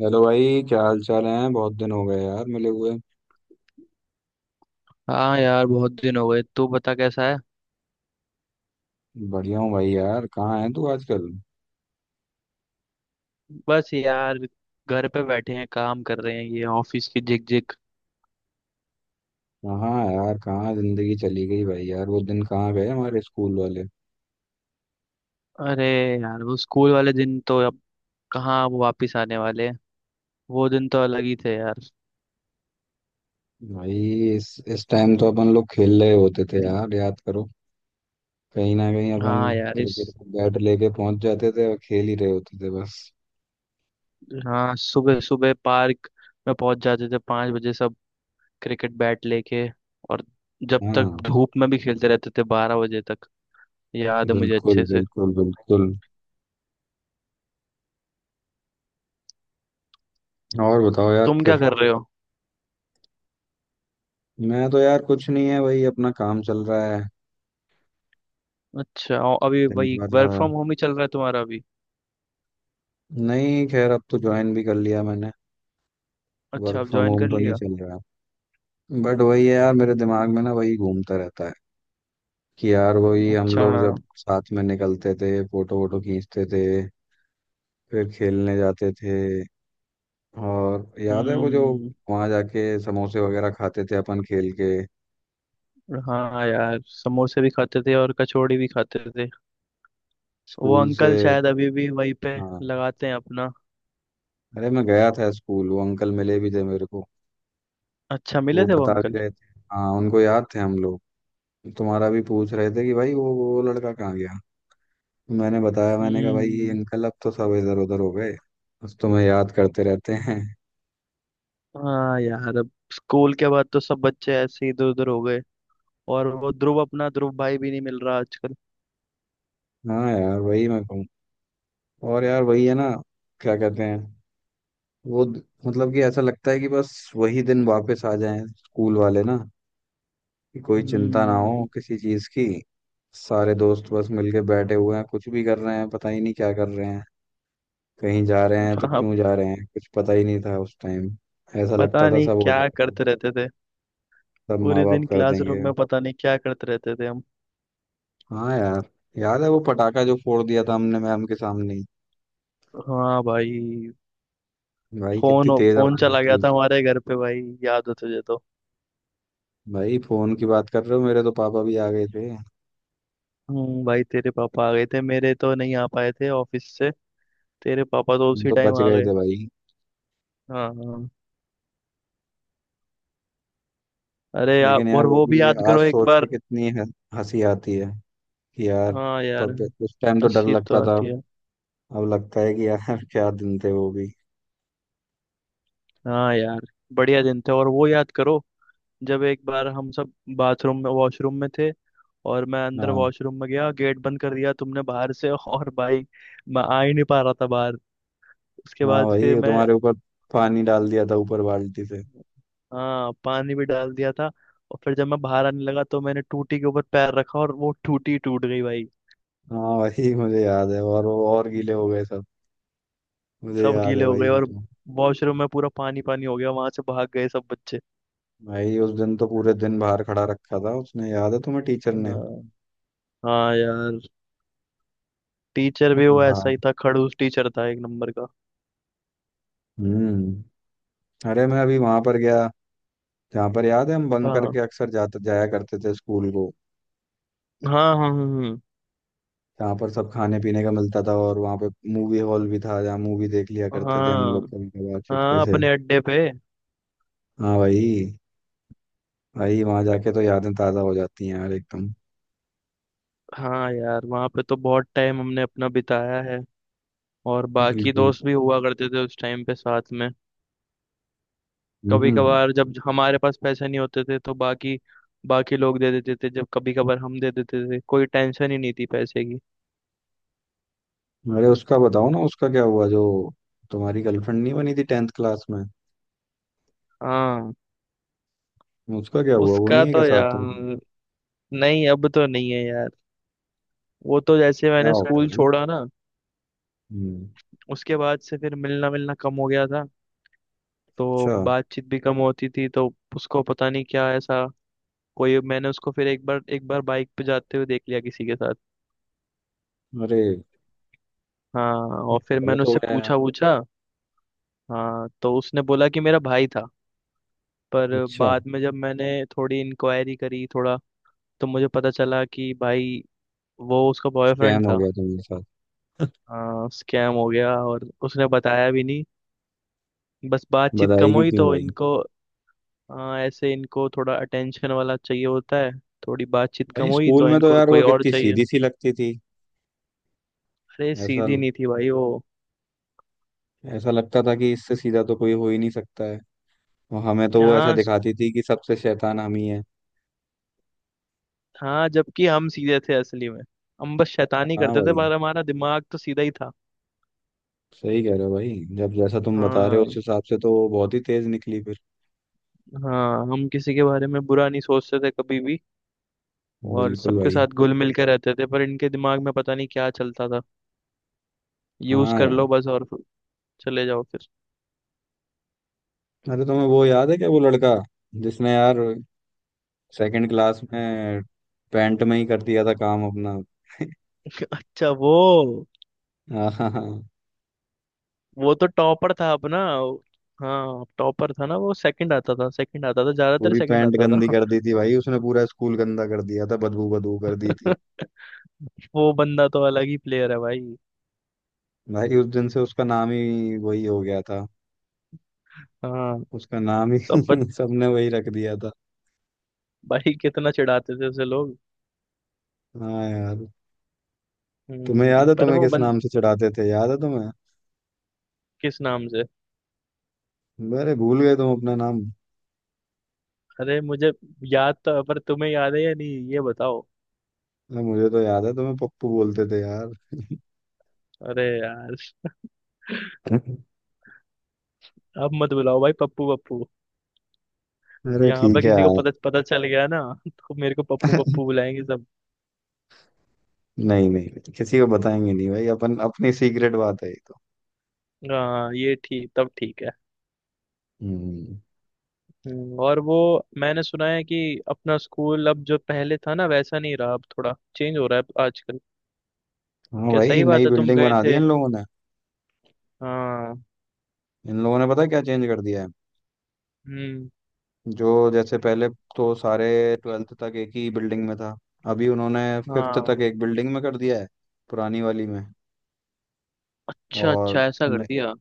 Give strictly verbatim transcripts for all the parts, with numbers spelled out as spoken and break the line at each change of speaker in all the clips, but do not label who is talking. Hello भाई, क्या हाल चाल है। बहुत दिन हो गए यार मिले हुए।
हाँ यार, बहुत दिन हो गए। तू बता कैसा है।
बढ़िया हूँ भाई। यार कहाँ है तू आजकल।
बस यार, घर पे बैठे हैं, काम कर रहे हैं, ये ऑफिस की झिकझिक।
कहाँ है यार, कहाँ जिंदगी चली गई भाई। यार वो दिन कहाँ गए हमारे स्कूल वाले।
अरे यार, वो स्कूल वाले दिन तो अब कहाँ वो वापिस आने वाले हैं। वो दिन तो अलग ही थे यार।
भाई इस इस टाइम तो अपन लोग खेल रहे होते थे यार, याद करो। कहीं ना कहीं अपन
हाँ यार इस
क्रिकेट का बैट लेके पहुंच जाते थे और खेल ही रहे होते थे बस।
हाँ सुबह सुबह पार्क में पहुंच जाते थे, पाँच बजे सब, क्रिकेट बैट लेके। और जब तक
हाँ।
धूप में भी खेलते रहते थे, बारह बजे तक। याद है मुझे
बिल्कुल
अच्छे से।
बिल्कुल बिल्कुल। और बताओ यार
तुम क्या
फिर।
कर रहे हो।
मैं तो यार कुछ नहीं है भाई, अपना काम चल रहा है।
अच्छा, और अभी
दिन
वही
भर आ,
वर्क फ्रॉम होम ही चल रहा है तुम्हारा अभी।
नहीं, खैर अब तो ज्वाइन भी कर लिया मैंने।
अच्छा,
वर्क
अब
फ्रॉम
ज्वाइन
होम
कर
तो नहीं
लिया।
चल रहा, बट वही है यार, मेरे दिमाग
हम्म।
में ना वही घूमता रहता है कि यार वही हम
अच्छा
लोग जब
हाँ।
साथ में निकलते थे, फोटो वोटो खींचते थे, फिर खेलने जाते थे। और याद है वो जो
हम्म।
वहां जाके समोसे वगैरह खाते थे अपन खेल के,
हाँ यार, समोसे भी खाते थे और कचौड़ी भी खाते थे। वो
स्कूल से।
अंकल शायद अभी भी वहीं पे
हाँ।
लगाते हैं अपना।
अरे मैं गया था स्कूल, वो अंकल मिले भी थे मेरे को।
अच्छा, मिले
वो
थे वो
बता भी
अंकल।
रहे थे। हाँ उनको याद थे हम लोग। तुम्हारा भी पूछ रहे थे कि भाई वो वो लड़का कहाँ गया। मैंने बताया, मैंने कहा भाई ये
हम्म।
अंकल, अब तो सब इधर उधर हो गए, बस तुम्हें याद करते रहते हैं।
हाँ यार, अब स्कूल के बाद तो सब बच्चे ऐसे इधर उधर हो गए। और वो ध्रुव, अपना ध्रुव भाई भी नहीं मिल रहा आजकल।
हाँ यार वही मैं कहूँ। और यार वही है ना, क्या कहते हैं, वो द- मतलब कि ऐसा लगता है कि बस वही दिन वापस आ जाएं स्कूल वाले ना, कि कोई चिंता ना हो
हम्म।
किसी चीज की। सारे दोस्त बस मिलके बैठे हुए हैं, कुछ भी कर रहे हैं, पता ही नहीं क्या कर रहे हैं। कहीं जा रहे हैं तो
हाँ,
क्यों जा रहे हैं, कुछ पता ही नहीं था उस टाइम। ऐसा लगता
पता
था
नहीं
सब हो
क्या
जाएगा,
करते रहते थे।
सब माँ
पूरे
बाप
दिन
कर
क्लासरूम
देंगे।
में पता नहीं क्या करते रहते थे हम।
हाँ यार, याद है वो पटाखा जो फोड़ दिया था हमने मैम के सामने ही।
हाँ भाई,
भाई कितनी
फोन
तेज
फोन
आवाज
चला
थी
गया था
उसकी।
हमारे घर पे भाई, याद हो तुझे तो।
भाई फोन की बात कर रहे हो, मेरे तो पापा भी आ गए थे।
हम्म, भाई तेरे पापा आ गए थे, मेरे तो नहीं आ पाए थे ऑफिस से। तेरे पापा तो
हम
उसी
तो
टाइम
बच
आ
गए
गए।
थे भाई।
हाँ हाँ। अरे यार,
लेकिन यार
और
वो
वो
भी
भी
ये
याद
आज
करो एक
सोच के
बार।
कितनी ह- हंसी आती है कि यार,
हाँ यार,
पप उस टाइम तो डर
हंसी तो
लगता था।
आती है।
अब लगता है कि यार क्या दिन थे वो भी।
हाँ यार, बढ़िया दिन थे। और वो याद करो, जब एक बार हम सब बाथरूम में, वॉशरूम में थे। और मैं अंदर
हाँ।
वॉशरूम में गया, गेट बंद कर दिया तुमने बाहर से और भाई, मैं आ ही नहीं पा रहा था बाहर। उसके
हाँ
बाद
भाई,
फिर
वो
मैं,
तुम्हारे ऊपर पानी डाल दिया था ऊपर बाल्टी से।
हाँ, पानी भी डाल दिया था। और फिर जब मैं बाहर आने लगा तो मैंने टूटी के ऊपर पैर रखा, और वो टूटी टूट गई भाई।
हाँ भाई मुझे याद है, और वो और गीले हो गए सब। मुझे
सब
याद
गीले
है
हो
भाई
गए,
वो
और
तो।
वॉशरूम में पूरा पानी पानी हो गया, वहां से भाग गए सब बच्चे।
भाई उस दिन तो पूरे दिन बाहर खड़ा रखा था उसने, याद है तुम्हें, टीचर ने।
हाँ। हाँ यार, टीचर भी वो ऐसा
बाहर।
ही था, खड़ूस टीचर था एक नंबर का।
हम्म। अरे मैं अभी वहां पर गया जहाँ पर याद है हम बंक
हाँ
करके अक्सर जाते जाया करते थे स्कूल को।
हाँ हाँ। हाँ
जहाँ पर सब खाने पीने का मिलता था, और वहाँ पे मूवी हॉल भी था जहाँ मूवी देख लिया करते थे हम
हाँ
लोग कभी कभार चुपके
हाँ,
से।
अपने अड्डे पे।
हाँ भाई। भाई वहां जाके तो यादें ताजा हो जाती हैं यार एकदम।
हाँ यार, वहाँ पे तो बहुत टाइम हमने अपना बिताया है। और बाकी
बिल्कुल।
दोस्त भी हुआ करते थे उस टाइम पे साथ में। कभी
हम्म।
कभार जब हमारे पास पैसे नहीं होते थे तो बाकी बाकी लोग दे देते थे, जब कभी कभार हम दे देते थे, कोई टेंशन ही नहीं थी पैसे की।
अरे उसका बताओ ना, उसका क्या हुआ जो तुम्हारी गर्लफ्रेंड नहीं बनी थी टेंथ क्लास में।
हाँ।
उसका क्या हुआ, वो
उसका
नहीं है क्या
तो
साथ तुम।
यार, नहीं, अब तो नहीं है यार। वो तो जैसे
क्या
मैंने
हो गया
स्कूल
भाई।
छोड़ा ना,
हम्म,
उसके बाद से फिर मिलना मिलना कम हो गया था। तो
अच्छा।
बातचीत भी कम होती थी तो उसको पता नहीं क्या ऐसा। कोई, मैंने उसको फिर एक बार एक बार बाइक पे जाते हुए देख लिया किसी के साथ।
अरे
हाँ।
ये
और फिर मैंने
गलत हो
उससे
गया यार।
पूछा पूछा। हाँ, तो उसने बोला कि मेरा भाई था। पर
अच्छा।
बाद में जब मैंने थोड़ी इंक्वायरी करी थोड़ा, तो मुझे पता चला कि भाई वो उसका बॉयफ्रेंड
स्कैम हो
था।
गया तुम्हारे साथ।
स्कैम हो गया, और उसने बताया भी नहीं। बस बातचीत कम
बताएगी
हुई
क्यों
तो
भाई।
इनको, अ, ऐसे इनको थोड़ा अटेंशन वाला चाहिए होता है। थोड़ी बातचीत कम
भाई
हुई
स्कूल
तो
में तो
इनको
यार
कोई
वो
और
कितनी
चाहिए।
सीधी सी लगती थी।
अरे
ऐसा
सीधी नहीं थी भाई वो।
ऐसा लगता था कि इससे सीधा तो कोई हो ही नहीं सकता है। और हमें तो वो ऐसा
हाँ स-
दिखाती थी कि सबसे शैतान हम ही है।
हाँ, जबकि हम सीधे थे असली में। हम बस शैतानी
हाँ
करते थे
भाई,
पर हमारा दिमाग तो सीधा ही था।
सही कह रहे हो भाई। जब जैसा तुम बता रहे हो उस
हाँ
हिसाब से, तो वो बहुत ही तेज निकली फिर।
हाँ, हम किसी के बारे में बुरा नहीं सोचते थे कभी भी। और
बिल्कुल
सबके
भाई।
साथ घुल मिल के रहते थे, पर इनके दिमाग में पता नहीं क्या चलता था। यूज
हाँ
कर लो
यार।
बस, और चले जाओ फिर।
अरे तुम्हें वो याद है क्या, वो लड़का जिसने यार सेकंड क्लास में पैंट में ही कर दिया था काम अपना
अच्छा, वो
हाँ हाँ हाँ।
वो तो टॉपर था अपना। हाँ, टॉपर था ना वो, सेकंड आता था, सेकंड आता था, ज्यादातर
पूरी
सेकंड
पैंट
आता
गंदी
था।
कर दी थी भाई उसने, पूरा स्कूल गंदा कर दिया था, बदबू बदबू कर दी थी।
वो बंदा तो अलग ही प्लेयर है भाई।
भाई उस दिन से उसका नाम ही वही हो गया था।
हाँ।
उसका नाम ही
सब बच,
सबने वही रख दिया था।
भाई कितना चिढ़ाते थे उसे लोग।
हाँ यार। तुम्हें
हम्म
याद है
पर
तुम्हें
वो
किस
बन
नाम से चढ़ाते थे, याद है तुम्हें।
किस नाम से।
अरे भूल गए तुम अपना नाम।
अरे मुझे याद तो है, पर तुम्हें याद है या नहीं ये बताओ।
अरे मुझे तो याद है, तुम्हें पप्पू बोलते थे यार
अरे यार, अब मत बुलाओ भाई पप्पू पप्पू।
अरे
यहाँ
ठीक
पर
है
किसी को
यार
पता पता चल गया ना तो मेरे को पप्पू पप्पू बुलाएंगे सब।
नहीं नहीं, किसी को बताएंगे नहीं भाई, अपन अपनी सीक्रेट बात है।
हाँ ये ठीक, तब ठीक है।
हम्म।
हम्म, और वो मैंने सुना है कि अपना स्कूल अब, जो पहले था ना, वैसा नहीं रहा, अब थोड़ा चेंज हो रहा है आजकल।
हाँ
क्या,
भाई,
सही बात
नई
है, तुम
बिल्डिंग
गए
बना दी
थे।
इन लोगों ने।
हाँ।
इन लोगों ने पता है क्या चेंज कर दिया है।
हम्म।
जो जैसे पहले तो सारे ट्वेल्थ तक एक ही बिल्डिंग में था, अभी उन्होंने फिफ्थ
हाँ।
तक एक बिल्डिंग में कर दिया है, पुरानी वाली में।
अच्छा अच्छा,
और
ऐसा कर
न,
दिया।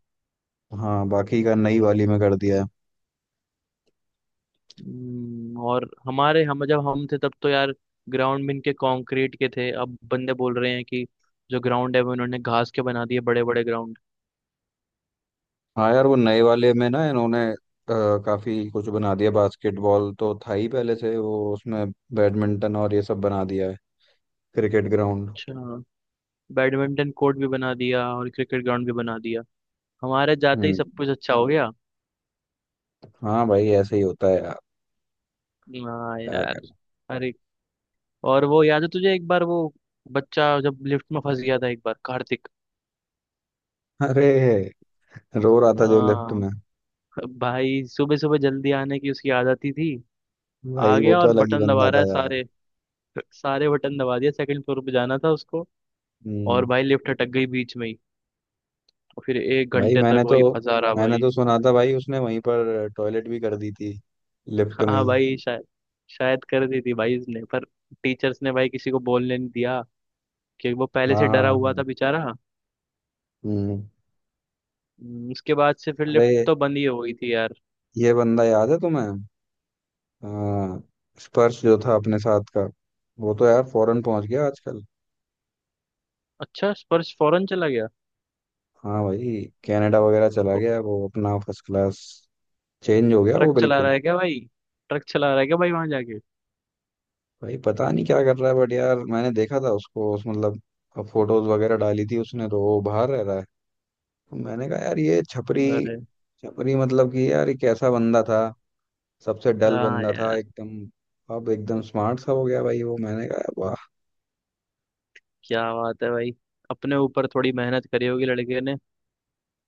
हाँ बाकी का नई वाली में कर दिया है।
हम्म, और हमारे, हम जब हम थे तब तो यार, ग्राउंड भी इनके कंक्रीट के थे। अब बंदे बोल रहे हैं कि जो ग्राउंड है वो इन्होंने घास के बना दिए, बड़े बड़े ग्राउंड।
हाँ यार वो नए वाले में ना, इन्होंने अ, काफी कुछ बना दिया। बास्केटबॉल तो था ही पहले से, वो उसमें बैडमिंटन और ये सब बना दिया है, क्रिकेट ग्राउंड।
अच्छा, बैडमिंटन कोर्ट भी बना दिया और क्रिकेट ग्राउंड भी बना दिया। हमारे जाते ही
हम्म।
सब कुछ अच्छा हो गया।
हाँ भाई ऐसे ही होता है यार,
हाँ
क्या
यार।
करें।
अरे, और वो याद है तुझे, एक बार वो बच्चा जब लिफ्ट में फंस गया था, एक बार, कार्तिक।
अरे, रो रहा था जो लेफ्ट
हाँ
में।
भाई, सुबह सुबह जल्दी आने की उसकी आदत ही थी। आ
भाई वो
गया
तो
और
अलग ही
बटन दबा
बंदा
रहा
था
है
यार।
सारे सारे बटन दबा दिया, सेकंड फ्लोर पे जाना था उसको। और
हम्म।
भाई लिफ्ट अटक गई बीच में ही। और फिर एक
भाई
घंटे तक
मैंने तो
वही फंसा रहा
मैंने
भाई।
तो सुना था भाई उसने वहीं पर टॉयलेट भी कर दी थी, लिफ्ट में
हाँ
ही।
भाई, शायद शायद कर दी थी भाई इसने, पर टीचर्स ने भाई किसी को बोलने नहीं दिया, कि वो पहले
हाँ
से डरा
हाँ
हुआ था
हाँ।
बेचारा।
हम्म।
हम्म, उसके बाद से फिर लिफ्ट
अरे
तो बंद ही हो गई थी यार।
ये बंदा याद है तुम्हें। हाँ। स्पर्श जो था अपने साथ का, वो तो यार फॉरेन पहुंच गया आजकल।
अच्छा, स्पर्श फौरन चला गया।
हाँ भाई, कनाडा वगैरह चला
को-
गया वो, अपना फर्स्ट क्लास चेंज हो गया
ट्रक
वो
चला रहा
बिल्कुल।
है क्या भाई। ट्रक चला रहा है क्या भाई वहां जाके।
भाई पता नहीं क्या कर रहा है, बट यार मैंने देखा था उसको उस मतलब फोटोज वगैरह डाली थी उसने, तो वो बाहर रह रहा है। तो मैंने कहा यार ये छपरी,
अरे।
छपरी मतलब कि यार ये कैसा बंदा था, सबसे डल
हाँ
बंदा था
यार,
एकदम, अब एकदम स्मार्ट सा हो गया भाई वो, मैंने कहा वाह।
क्या बात है भाई। अपने ऊपर थोड़ी मेहनत करी होगी लड़के ने।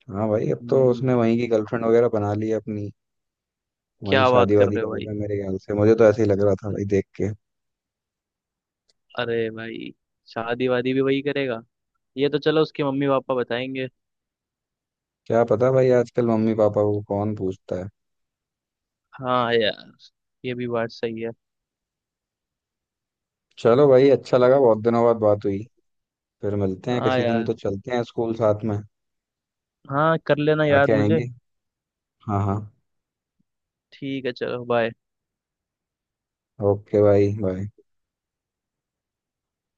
हाँ भाई, अब तो उसने
हम्म।
वहीं की गर्लफ्रेंड वगैरह बना ली है अपनी। वहीं
क्या बात
शादी
कर
वादी
रहे हो भाई।
करेगा मेरे ख्याल से, मुझे तो ऐसे ही लग रहा था भाई देख के।
अरे भाई, शादी वादी भी वही करेगा। ये तो चलो, उसके मम्मी पापा बताएंगे।
क्या पता भाई, आजकल मम्मी पापा को कौन पूछता है।
हाँ यार, ये भी बात सही है।
चलो भाई, अच्छा लगा बहुत दिनों बाद बात हुई। फिर मिलते हैं
हाँ
किसी दिन,
यार।
तो चलते हैं स्कूल साथ में।
हाँ, कर लेना
आके
याद मुझे।
आएंगे। हाँ हाँ।
ठीक है, चलो बाय।
ओके भाई, बाय।